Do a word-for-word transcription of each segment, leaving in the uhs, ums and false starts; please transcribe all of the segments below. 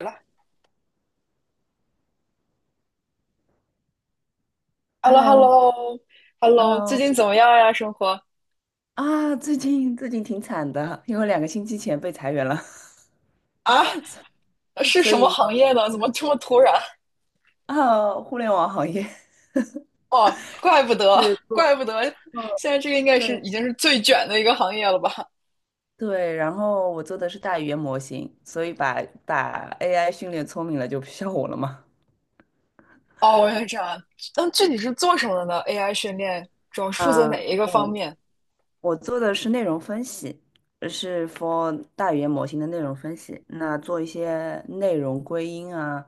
了 h e l l o h e l l Hello，Hello。 o h e l l o 最近怎么样呀？生活啊，最近最近挺惨的，因为两个星期前被裁员了。啊，是所什么以行业呢？怎么这么突然？啊，互联网行业。 哦，怪不 得，是怪做不得，做现在这个应该对是已经是最卷的一个行业了吧？对，然后我做的是大语言模型，所以把把 A I 训练聪明了就不需要我了嘛。哦，原来这样。那具体是做什么的呢？A I 训练主要是负责哪啊，一个方我面？我做的是内容分析，呃是 for 大语言模型的内容分析。那做一些内容归因啊，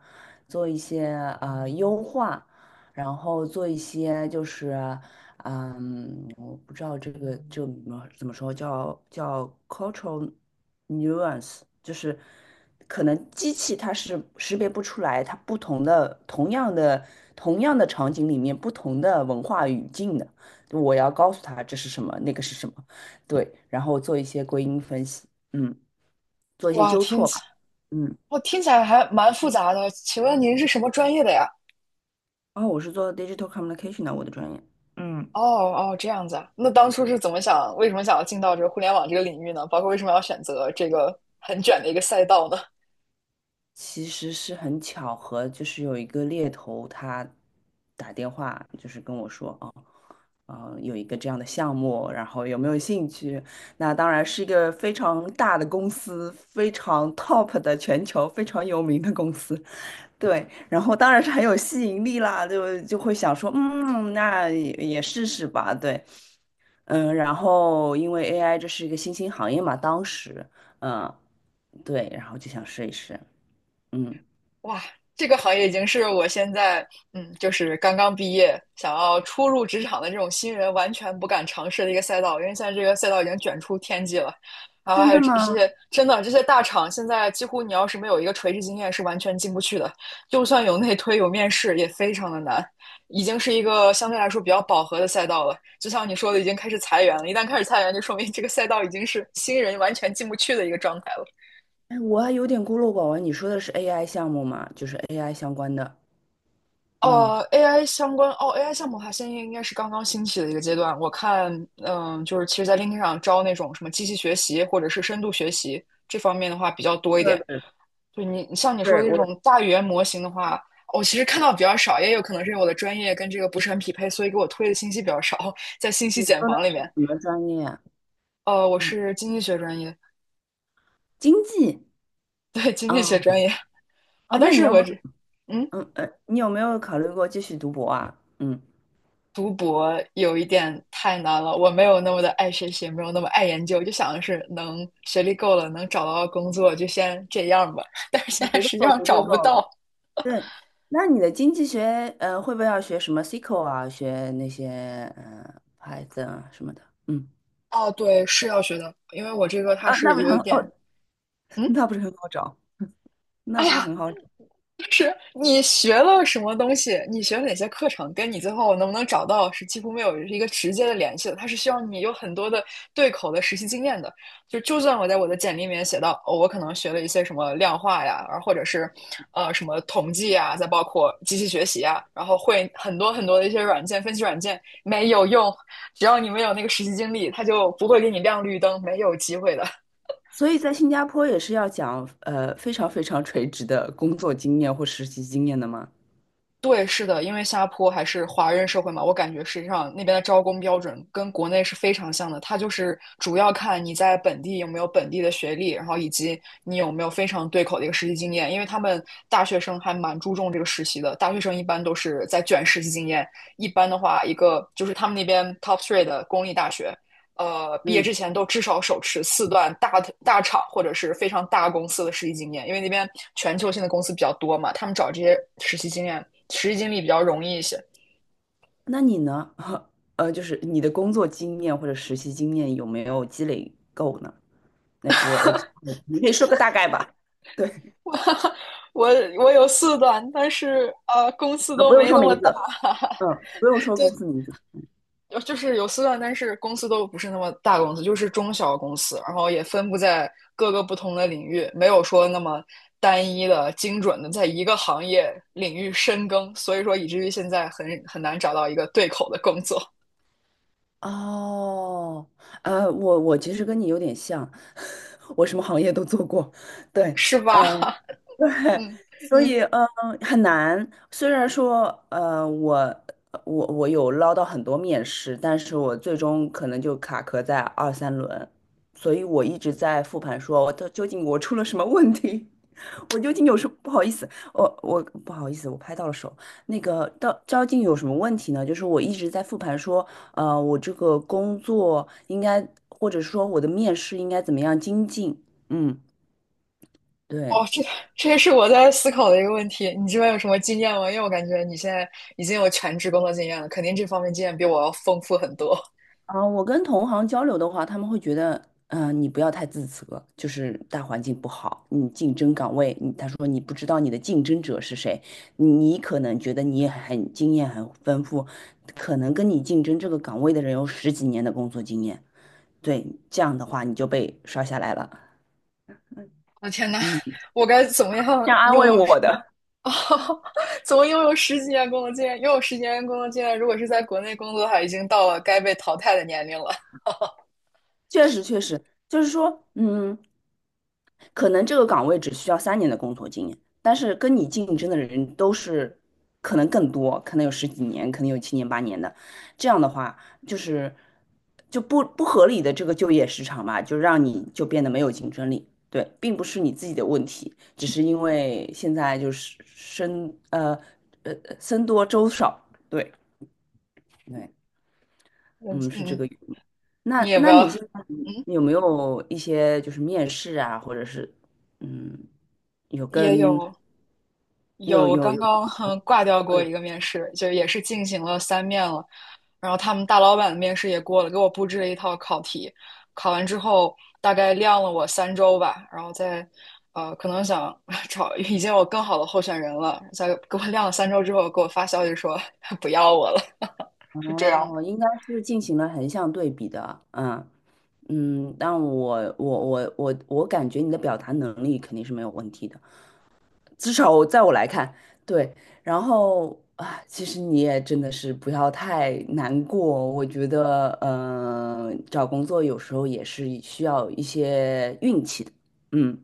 做一些呃优化，然后做一些就是嗯，我不知道这个就怎么怎么说，叫叫 cultural nuance，就是可能机器它是识别不出来它不同的同样的同样的场景里面不同的文化语境的。我要告诉他这是什么，那个是什么。对，然后做一些归因分析，嗯，做一些哇，纠听错起，吧。嗯。我听起来还蛮复杂的。请问您是什么专业的呀？然我是做 digital communication 的，我的专业，嗯，哦哦，这样子啊。那当初是怎么想，为什么想要进到这个互联网这个领域呢？包括为什么要选择这个很卷的一个赛道呢？其实是很巧合，就是有一个猎头他打电话，就是跟我说，啊，呃，有一个这样的项目，然后有没有兴趣？那当然是一个非常大的公司，非常 top 的全球非常有名的公司。对，然后当然是很有吸引力啦，就就会想说，嗯，那也也试试吧。对。嗯，然后因为 A I 这是一个新兴行业嘛，当时，嗯，对，然后就想试一试。嗯，哇，这个行业已经是我现在，嗯，就是刚刚毕业，想要初入职场的这种新人完全不敢尝试的一个赛道，因为现在这个赛道已经卷出天际了。然后真还的有这吗？些，真的这些大厂，现在几乎你要是没有一个垂直经验，是完全进不去的。就算有内推有面试，也非常的难。已经是一个相对来说比较饱和的赛道了。就像你说的，已经开始裁员了。一旦开始裁员，就说明这个赛道已经是新人完全进不去的一个状态了。哎，我还有点孤陋寡闻，你说的是 A I 项目吗？就是 A I 相关的。嗯，呃，A I 相关哦，A I 项目的话，现在应该是刚刚兴起的一个阶段。我看，嗯，就是其实，在 LinkedIn 上招那种什么机器学习或者是深度学习这方面的话比较多一对点。对就你像你说对，的这我种大语言模型的话，我其实看到比较少，也有可能是因为我的专业跟这个不是很匹配，所以给我推的信息比较少，在信你息茧说的房里是面。什么专业啊？呃，我嗯，是经济学专业，经济。对，经济学哦。专业哦，啊，但那你是有没我有，这，嗯。嗯呃，你有没有考虑过继续读博啊？嗯，读博有一点太难了，我没有那么的爱学习，没有那么爱研究，就想的是能学历够了，能找到工作就先这样吧。但是我现在绝对实际够，绝上对找不够。到。对，那你的经济学呃会不会要学什么 S Q L 啊，学那些呃 Python 啊什么的？嗯，哦，对，是要学的，因为我这个它啊，那是不是有很一点，哦，嗯，那不是很好找，那哎不是呀，很好找。你学了什么东西？你学了哪些课程？跟你最后能不能找到是几乎没有一个直接的联系的。它是需要你有很多的对口的实习经验的。就就算我在我的简历里面写到，哦，我可能学了一些什么量化呀，而或者是呃什么统计呀，再包括机器学习呀，然后会很多很多的一些软件分析软件没有用。只要你没有那个实习经历，它就不会给你亮绿灯，没有机会的。所以在新加坡也是要讲呃非常非常垂直的工作经验或实习经验的吗？对，是的，因为新加坡还是华人社会嘛，我感觉实际上那边的招工标准跟国内是非常像的，它就是主要看你在本地有没有本地的学历，然后以及你有没有非常对口的一个实习经验，因为他们大学生还蛮注重这个实习的，大学生一般都是在卷实习经验，一般的话，一个就是他们那边 top three 的公立大学，呃，毕业嗯，之前都至少手持四段大大厂或者是非常大公司的实习经验，因为那边全球性的公司比较多嘛，他们找这些实习经验、实习经历比较容易一些。那你呢？呃，就是你的工作经验或者实习经验有没有积累够呢？那我，呃你可以说个大概吧。对，我我有四段，但是呃，公司那不都用没说那么名大。字，嗯，不用说对，公司名字。有就是有四段，但是公司都不是那么大公司，就是中小公司，然后也分布在各个不同的领域，没有说那么单一的、精准的在一个行业领域深耕，所以说以至于现在很很难找到一个对口的工作，哦，呃，我我其实跟你有点像，我什么行业都做过。对，是吧？对，嗯，所以嗯很难。虽然说呃我我我有捞到很多面试，但是我最终可能就卡壳在二三轮，所以我一直在复盘说，我到究竟我出了什么问题？我究竟有什么不好意思？我我不好意思，我拍到了手。那个到究竟有什么问题呢？就是我一直在复盘说，呃，我这个工作应该，或者说我的面试应该怎么样精进？嗯，对。哦，这这也是我在思考的一个问题。你这边有什么经验吗？因为我感觉你现在已经有全职工作经验了，肯定这方面经验比我要丰富很多。啊，我跟同行交流的话，他们会觉得，嗯、你不要太自责，就是大环境不好，你竞争岗位，你他说你不知道你的竞争者是谁，你可能觉得你也很经验很丰富，可能跟你竞争这个岗位的人有十几年的工作经验。对，这样的话你就被刷下来了。我的天呐，嗯，我该怎么这样样安用慰我的。哦，怎么又有十几年工作经验？又有十几年工作经验，如果是在国内工作的话，已经到了该被淘汰的年龄了。确实确实，就是说，嗯。可能这个岗位只需要三年的工作经验，但是跟你竞争的人都是可能更多，可能有十几年，可能有七年八年的。这样的话，就是就不不合理的这个就业市场吧，就让你就变得没有竞争力。对，并不是你自己的问题，只是因为现在就是生呃呃僧多粥少。对对。嗯嗯，是这嗯，个。那你也不那要，你现在嗯，有没有一些就是面试啊，或者是嗯，有也跟有有有，我有刚有刚嗯挂掉交过流？一个面试，就也是进行了三面了，然后他们大老板的面试也过了，给我布置了一套考题，考完之后大概晾了我三周吧，然后再。呃，可能想 找已经有更好的候选人了，再给我晾了三周之后，给我发消息说 不要我了，是这样哦，应该是进行了横向对比的。嗯嗯，但我我我我我感觉你的表达能力肯定是没有问题的。至少我在我来看。对。然后啊，其实你也真的是不要太难过。我觉得，嗯、找工作有时候也是需要一些运气的。嗯，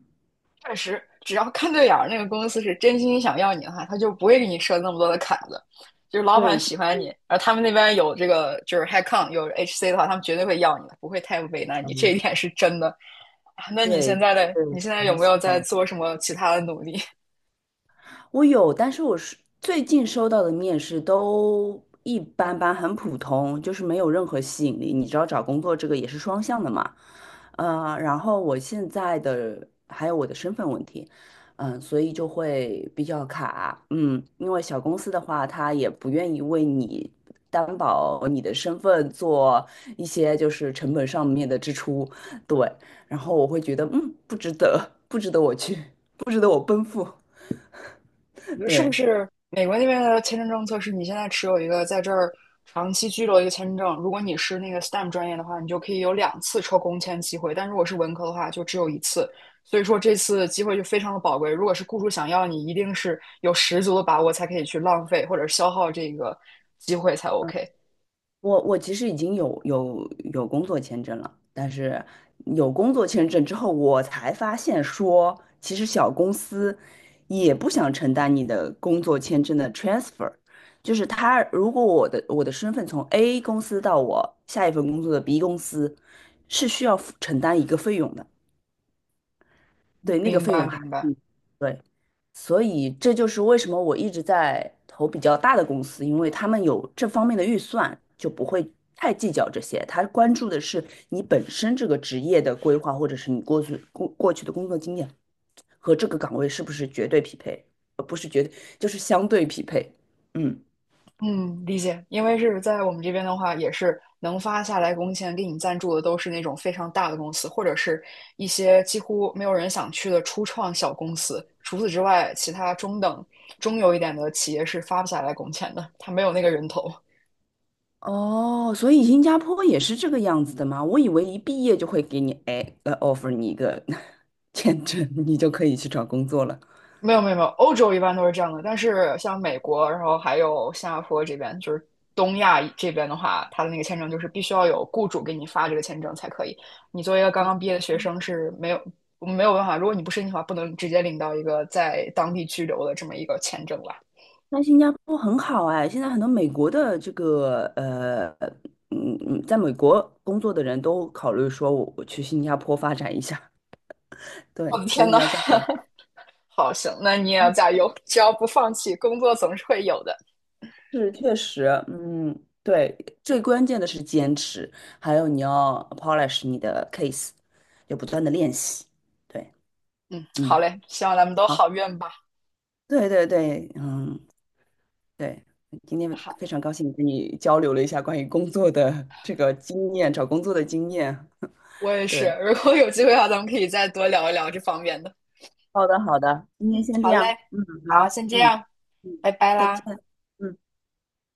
确实，只要看对眼儿，那个公司是真心想要你的话，他就不会给你设那么多的坎子。就是老板对，就喜欢你，而他们那边有这个就是 HiCon 有 H C 的话，他们绝对会要你的，不会太为难你，这嗯，一点是真的。啊那你对，现在的对，你现在有没有在做什么其他的努力？我有，但是我是最近收到的面试都一般般，很普通，就是没有任何吸引力。你知道找工作这个也是双向的嘛，嗯，然后我现在的还有我的身份问题。嗯、所以就会比较卡，嗯，因为小公司的话，他也不愿意为你担保你的身份做一些就是成本上面的支出。对，然后我会觉得，嗯，不值得，不值得我去，不值得我奔赴。是不对。是美国那边的签证政策是你现在持有一个在这儿长期居留的一个签证，如果你是那个 STEM 专业的话，你就可以有两次抽工签机会，但如果是文科的话，就只有一次。所以说这次机会就非常的宝贵，如果是雇主想要你，一定是有十足的把握才可以去浪费或者消耗这个机会才 OK。我我其实已经有有有工作签证了，但是有工作签证之后，我才发现说，其实小公司也不想承担你的工作签证的 transfer，就是他如果我的我的身份从 A 公司到我下一份工作的 B 公司，是需要付承担一个费用的。对，那个明费用白，还明白。嗯对，所以这就是为什么我一直在投比较大的公司，因为他们有这方面的预算，就不会太计较这些。他关注的是你本身这个职业的规划，或者是你过去过过去的工作经验和这个岗位是不是绝对匹配，就是相对匹配。嗯，嗯，理解。因为是在我们这边的话，也是能发下来工钱给你赞助的，都是那种非常大的公司，或者是一些几乎没有人想去的初创小公司。除此之外，其他中等、中游一点的企业是发不下来工钱的，他没有那个人头。哦，所以新加坡也是这个样子的吗？我以为一毕业就会给你哎呃 offer 你一个 签证，你就可以去找工作了。没有没有没有，欧洲一般都是这样的，但是像美国，然后还有新加坡这边，就是东亚这边的话，他的那个签证就是必须要有雇主给你发这个签证才可以。你作为一个刚刚毕业的学生是没有没有办法，如果你不申请的话，不能直接领到一个在当地居留的这么一个签证吧？但新加坡很好哎，现在很多美国的这个呃，嗯嗯，在美国工作的人都考虑说我我去新加坡发展一下。我对，的所以天你呐，要加油。好，行，那你也要加油，只要不放弃，工作总是会有的。是，确实，嗯，对，最关键的是坚持，还有你要 polish 你的 case，要不断的练习。对，嗯，好嗯，嘞，希望咱们都好，好运吧。对对对，嗯，对，今天那好，非常高兴跟你交流了一下关于工作的这个经验，找工作的经验。我也 是，对。如果有机会的话，咱们可以再多聊一聊这方面的。好的，好的，今天嗯先这好嘞，样。嗯，好，好，先这嗯样，嗯，拜拜再见。啦。嗯。